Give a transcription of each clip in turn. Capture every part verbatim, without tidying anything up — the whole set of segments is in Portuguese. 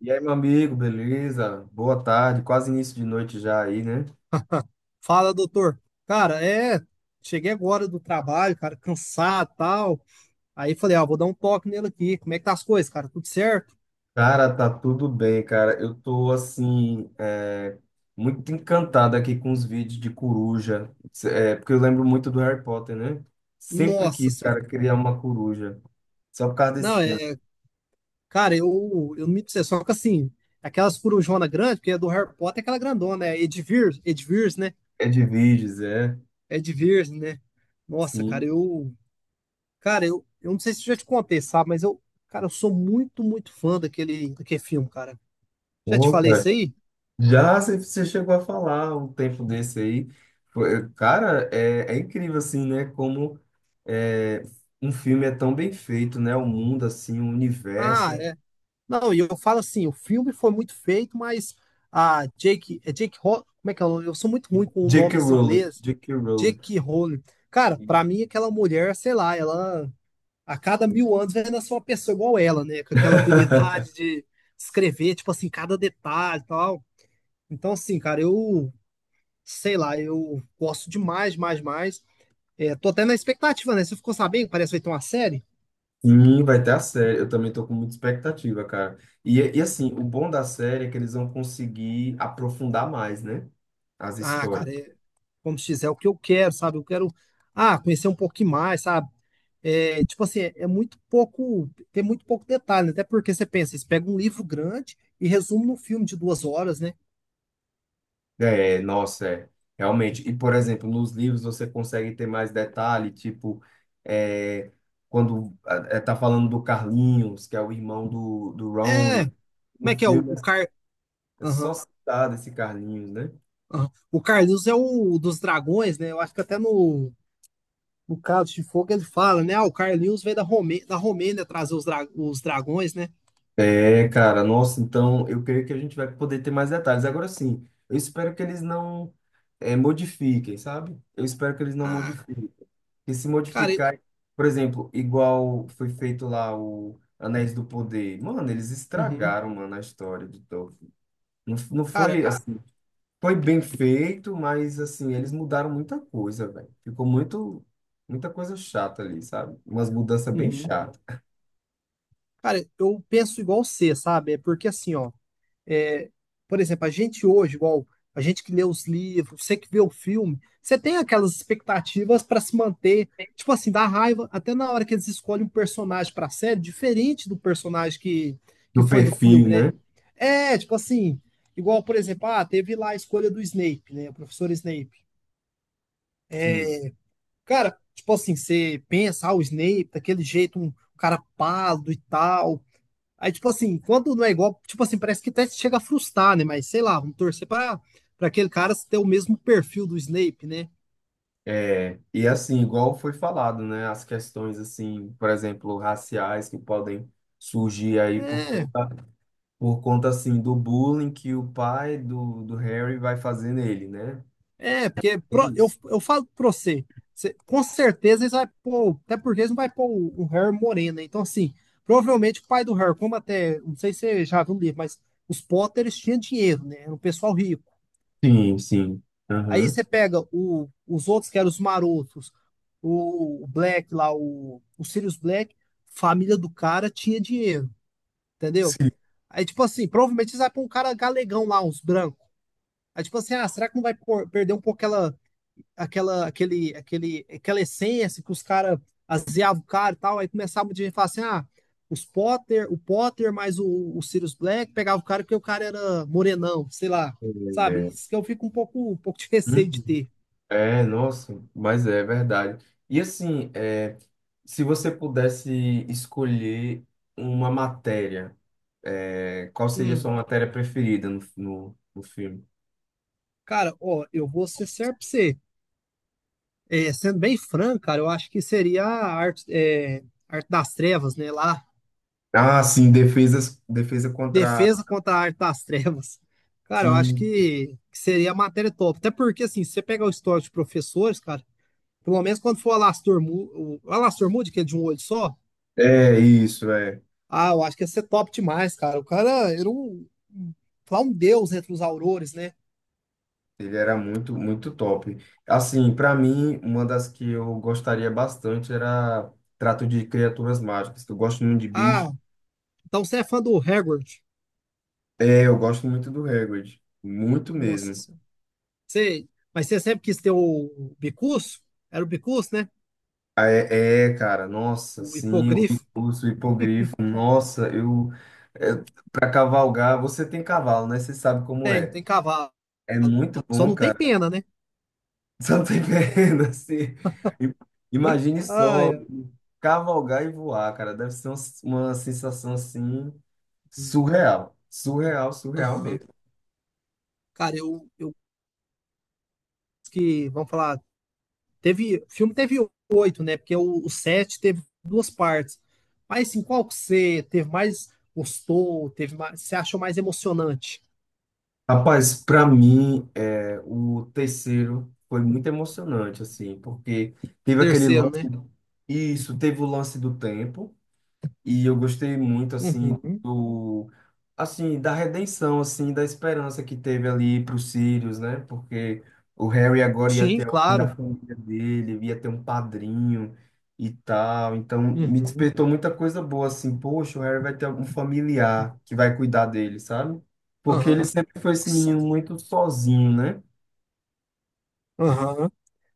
E aí, meu amigo, beleza? Boa tarde, quase início de noite já aí, né? Fala, doutor. Cara, é, cheguei agora do trabalho, cara, cansado, e tal. Aí falei, ah, vou dar um toque nele aqui. Como é que tá as coisas, cara? Tudo certo? Cara, tá tudo bem, cara. Eu tô, assim, é, muito encantado aqui com os vídeos de coruja, é, porque eu lembro muito do Harry Potter, né? Sempre Nossa quis, senhora. cara, criar uma coruja, só por causa desse Não, filme. é, cara, eu, eu não me dizer, só que assim, aquelas corujona grande, porque é do Harry Potter, é aquela grandona, é Edivir, Edivir, né? É de vídeos, é? Edivir, né? Nossa, cara, Sim. eu, cara, eu, eu não sei se eu já te contei, sabe, mas eu, cara, eu sou muito, muito fã daquele, daquele filme, cara. Já te Pô, falei cara. isso aí? Já, você você chegou a falar um tempo desse aí. Foi- Cara, é, é incrível assim, né? Como é, um filme é tão bem feito, né? O mundo, assim, o universo. Ah, é, Não, e eu falo assim, o filme foi muito feito, mas a Jake, é Jake Ho- como é que é o nome? Eu sou muito ruim com J K. nomes em Rowling, inglês. J K. Rowling. Jake Rowling. Cara, pra mim aquela mulher, sei lá, ela a cada mil anos vai nascer uma pessoa igual ela, né? Com aquela habilidade de escrever, tipo assim, cada detalhe e tal. Então, assim, cara, eu sei lá, eu gosto demais, mais, mais. É, tô até na expectativa, né? Você ficou sabendo que parece que vai ter uma série? Sim, vai ter a série. Eu também tô com muita expectativa, cara. E, e assim, o bom da série é que eles vão conseguir aprofundar mais, né? As Ah, histórias. cara, é, como se diz, é o que eu quero, sabe? Eu quero, ah, conhecer um pouquinho mais, sabe? É, tipo assim, é é muito pouco, tem muito pouco detalhe, né? Até porque você pensa, você pega um livro grande e resume num filme de duas horas, né? É, nossa, é, realmente. E, por exemplo, nos livros você consegue ter mais detalhe, tipo, é, quando é, tá falando do Carlinhos, que é o irmão do, do É, Ronnie, como no é que é o, filme é o Car... é Aham, só citado esse Carlinhos, né? aham. O Carlinhos é o dos dragões, né? Eu acho que até no, no Cálice de Fogo ele fala, né? Ah, o Carlinhos veio da Romê... da Romênia trazer os, dra... os dragões, né? É, cara, nossa, então eu creio que a gente vai poder ter mais detalhes. Agora sim, eu espero que eles não eh, modifiquem, sabe? Eu espero que eles não Ah, modifiquem. E se cara, e- modificar, por exemplo, igual foi feito lá o Anéis do Poder. Mano, eles uhum, estragaram, mano, a história de Tolkien. Não, não cara, foi assim, foi bem feito, mas assim, eles mudaram muita coisa, velho. Ficou muito, muita coisa chata ali, sabe? Umas mudanças bem uhum. chatas. Cara, eu penso igual você, sabe? É porque assim, ó, é, por exemplo, a gente hoje, igual a gente que lê os livros, você que vê o filme, você tem aquelas expectativas pra se manter, tipo assim, dá raiva até na hora que eles escolhem um personagem pra série, diferente do personagem que, que Do foi do perfil, filme, né? né? É, tipo assim, igual, por exemplo, ah, teve lá a escolha do Snape, né? O professor Snape. Sim. Cara, tipo assim, você pensa, ah, o Snape, daquele jeito, um um cara pálido e tal. Aí, tipo assim, quando não é igual, tipo assim, parece que até chega a frustrar, né? Mas sei lá, vamos torcer pra, pra aquele cara ter o mesmo perfil do Snape, né? É, e assim, igual foi falado, né, as questões assim, por exemplo, raciais que podem surgir aí por É, conta, por conta assim do bullying que o pai do, do Harry vai fazer nele, né? é, porque É pro- eu, isso. eu falo pra você, você- com certeza eles vai pôr, até porque eles não vai pôr o, o Harry moreno, né? Então, assim, provavelmente o pai do Harry, como até, não sei se você já viu o livro, mas os Potters tinham dinheiro, né? Era um pessoal rico. Sim, sim. Aí Aham. você pega o- os outros, que eram os marotos, o, o Black lá, o, o Sirius Black, família do cara tinha dinheiro, entendeu? Sim. Aí, tipo assim, provavelmente eles vai pôr um cara galegão lá, uns brancos. Aí, tipo assim, ah, será que não vai pôr- perder um pouco aquela, aquela, aquele, aquele, aquela essência que os caras azeavam o cara e tal? Aí começava o dia e falar assim, ah, os Potter, o Potter mais o, o Sirius Black pegava o cara porque o cara era morenão, sei lá, sabe? É. Isso que eu fico um pouco, um pouco de receio de Uhum. ter. É, nossa, mas é verdade. E assim, é, se você pudesse escolher uma matéria, é, qual seria a Hum. sua matéria preferida no, no, no filme? Cara, ó, eu vou ser certo pra você. É, sendo bem franco, cara, eu acho que seria a arte, é, arte das trevas, né? Lá, Ah, sim, defesas, defesa contra. defesa contra a arte das trevas. Cara, eu acho Sim, que, que seria a matéria top. Até porque, assim, se você pegar o histórico de professores, cara, pelo menos quando for o Alastor Mu- o Alastor Moody, que é de um olho só, é isso, é. ah, eu acho que ia ser top demais, cara. O cara era um, um, lá um deus entre os aurores, né? Ele era muito, muito top. Assim, para mim, uma das que eu gostaria bastante era Trato de Criaturas Mágicas, que eu gosto muito de bicho. Ah, então você é fã do Hagrid. É, eu gosto muito do Hagrid, muito Nossa. mesmo. Sei. Mas você sempre quis ter o bicurso? Era o bicurso, né? Ah, é, é, cara, nossa, O sim, o hipogrifo? Bicurso, o hipogrifo, nossa, eu. É, para cavalgar, você tem cavalo, né? Você sabe como Tem, é. tem cavalo. É muito Só bom, não tem cara. pena, né? Só tem perna, assim. I- Imagine Ai, só ai. cavalgar e voar, cara. Deve ser um- uma sensação assim surreal. Surreal, surreal Aham. mesmo. Cara, eu, eu que, vamos falar, teve, o filme teve oito, né? Porque o, o sete teve duas partes. Mas assim, qual que você teve mais gostou, teve mais, você achou mais emocionante? Rapaz, para mim, é, o terceiro foi muito emocionante, assim, porque teve aquele Terceiro, lance. né? Isso, teve o lance do tempo. E eu gostei muito, assim, Uhum. do, assim, da redenção, assim, da esperança que teve ali para os Sirius, né? Porque o Harry agora ia Sim, ter alguém claro. da família dele, ia ter um padrinho e tal. Então, me Uhum. despertou muita coisa boa, assim, poxa, o Harry vai ter um familiar que vai cuidar dele, sabe? Porque ele Aham. sempre foi esse Nossa. menino muito sozinho, né? Aham.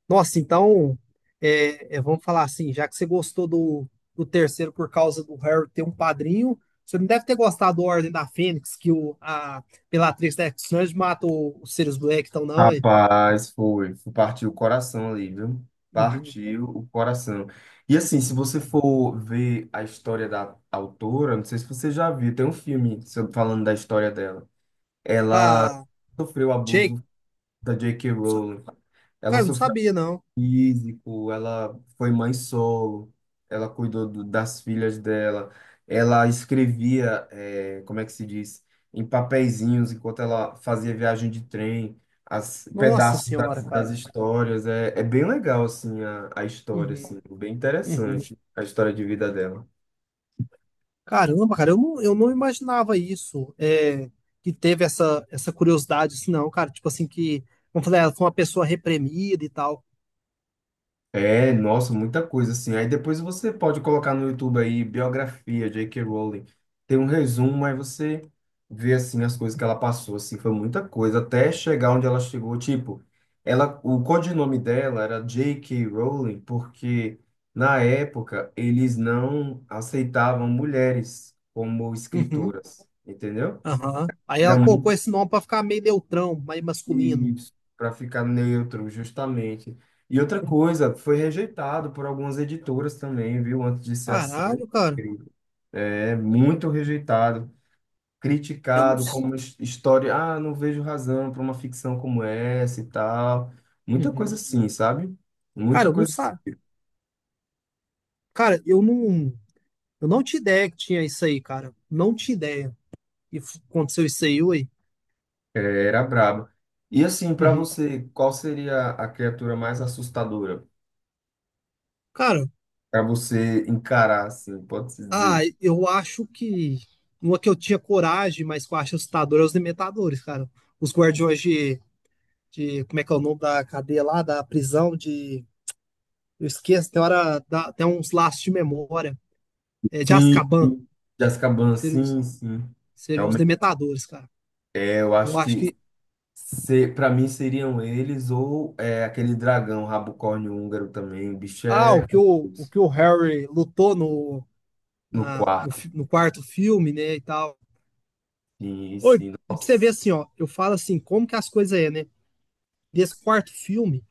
Nossa, então, é, é, vamos falar assim, já que você gostou do, do terceiro por causa do Harry ter um padrinho, você não deve ter gostado do Ordem da Fênix, que o, a Bellatrix da X-Men mata o- os Sirius Black, então não, hein? Rapaz, foi, foi- partiu o coração ali, viu? Uhum, Partiu o coração. E assim, se você uhum. for ver a história da autora, não sei se você já viu, tem um filme sobre- falando da história dela. Ela Tá, sofreu Jake? abuso da J K. Sa- Rowling. Ela Cara, não sofreu sabia, não. físico, ela foi mãe solo, ela cuidou do- das filhas dela, ela escrevia, eh, como é que se diz, em papeizinhos enquanto ela fazia viagem de trem, as Nossa pedaços das, senhora, das cara. histórias, é, é bem legal, assim, a, a história, assim, Uhum, bem uhum. interessante, a história de vida dela. Caramba, cara, eu não, eu não imaginava isso, é, que teve essa, essa curiosidade, assim, não, cara, tipo assim, que, vamos falar, ela foi uma pessoa reprimida e tal. É, nossa, muita coisa assim. Aí depois você pode colocar no YouTube aí biografia J K. Rowling. Tem um resumo, aí você vê assim as coisas que ela passou, assim, foi muita coisa até chegar onde ela chegou, tipo, ela o codinome dela era J K. Rowling porque na época eles não aceitavam mulheres como Uhum. escritoras, entendeu? Aham. Aí ela Era colocou muito esse nome pra ficar meio neutrão, mais masculino. isso, para ficar neutro, justamente. E outra coisa, foi rejeitado por algumas editoras também, viu? Antes de ser aceito. Caralho, cara. É muito rejeitado, Eu não. criticado s- como his- história. Ah, não vejo razão para uma ficção como essa e tal. Muita coisa Uhum. assim, sabe? Cara, Muita eu não coisa. sa... Cara, eu não. Eu não tinha ideia que tinha isso aí, cara. Não tinha ideia. E f- aconteceu isso aí, ué. É, era braba. E assim, para Uhum. você, qual seria a criatura mais assustadora Cara, para você encarar, assim, pode-se ah, dizer? eu acho que. Uma que eu tinha coragem, mas que eu acho assustador é os Dementadores, cara. Os guardiões de, de. Como é que é o nome da cadeia lá? Da prisão de. Eu esqueço, tem hora. dá- Tem uns laços de memória. É de Sim, Azkaban. sim. Jessica Biel, sim, sim. Seriam os Dementadores, cara. Eu Eu acho acho que que. se, para mim seriam eles ou é, aquele dragão rabocórnio húngaro também. O bicho Ah, o é que o, o, cabuloso. que o Harry lutou no, No na- no, quarto. fi- no quarto filme, né, e tal. Sim, Oi, sim. e pra você ver Nossa. assim, ó, eu falo assim, como que as coisas é, né? Desse quarto filme,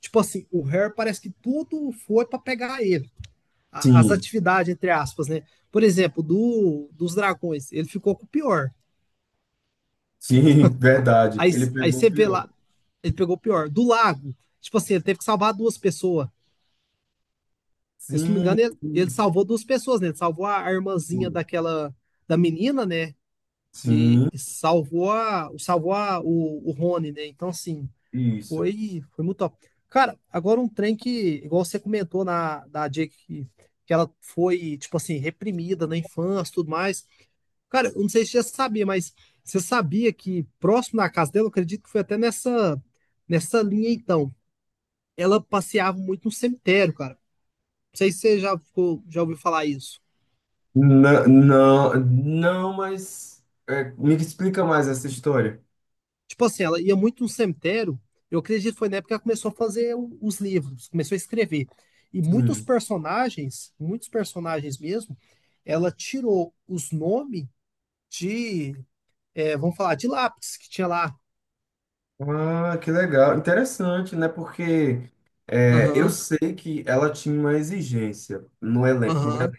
tipo assim, o Harry parece que tudo foi pra pegar ele. A- as Sim, atividades, entre aspas, né? Por exemplo, do, dos dragões, ele ficou com o pior. sim, verdade. Aí, Ele aí pegou o você vê pior. lá, ele pegou o pior. Do lago, tipo assim, ele teve que salvar duas pessoas. Porque, se não me Sim, engano, ele, ele sim, salvou duas pessoas, né? Ele salvou a, a irmãzinha sim. daquela, da menina, né? E, Sim, e salvou a, salvou a, o, o Rony, né? Então, assim, isso. foi, foi muito top. Cara, agora um trem que, igual você comentou na, da Jake, que, que ela foi, tipo assim, reprimida na infância e tudo mais. Cara, eu não sei se você já sabia, mas você sabia que próximo da casa dela, eu acredito que foi até nessa, nessa linha, então, ela passeava muito no cemitério, cara. Não sei se você já, ficou- já ouviu falar isso. Não, não, não, mas é, me explica mais essa história. Tipo assim, ela ia muito no cemitério. Eu acredito que foi na época que ela começou a fazer o- os livros, começou a escrever. E muitos Sim. personagens, muitos personagens mesmo, ela tirou os nomes de, é, vamos falar, de lápis que tinha lá. Ah, que legal. Interessante, né? Porque é, eu Aham, sei que ela tinha uma exigência no elenco. aham,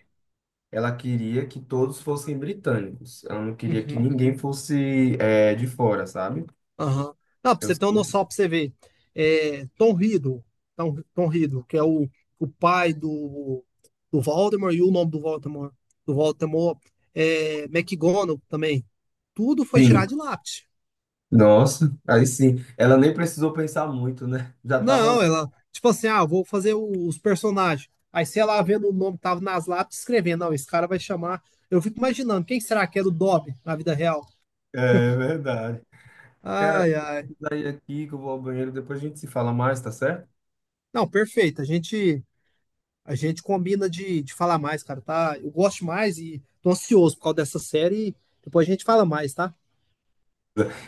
Ela queria que todos fossem britânicos. Ela não queria que uhum. ninguém fosse é, de fora, sabe? Aham. Não, pra Eu você ter uma sei. noção, pra você ver. É, Tom Riddle, Tom, Tom Riddle, que é o, o pai do, do Voldemort, e o nome do Voldemort, do Voldemort, é McGonagall também. Tudo foi Sim. tirado de lápis. Nossa, aí sim. Ela nem precisou pensar muito, né? Já tava lá. Não, ela, tipo assim, ah, vou fazer o- os personagens. Aí você ia lá vendo o nome que tava nas lápis, escrevendo, não, esse cara vai chamar. Eu fico imaginando, quem será que era o Dobby na vida real? É verdade. Cara, Ai, ai. daí aqui que eu vou ao banheiro, depois a gente se fala mais, tá certo? Não, perfeito. A gente A gente combina de, de falar mais, cara, tá? Eu gosto mais e tô ansioso por causa dessa série. Depois a gente fala mais, tá?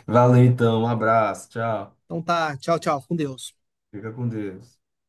Valeu então, um abraço, tchau. Então tá, tchau, tchau, com Deus. Fica com Deus.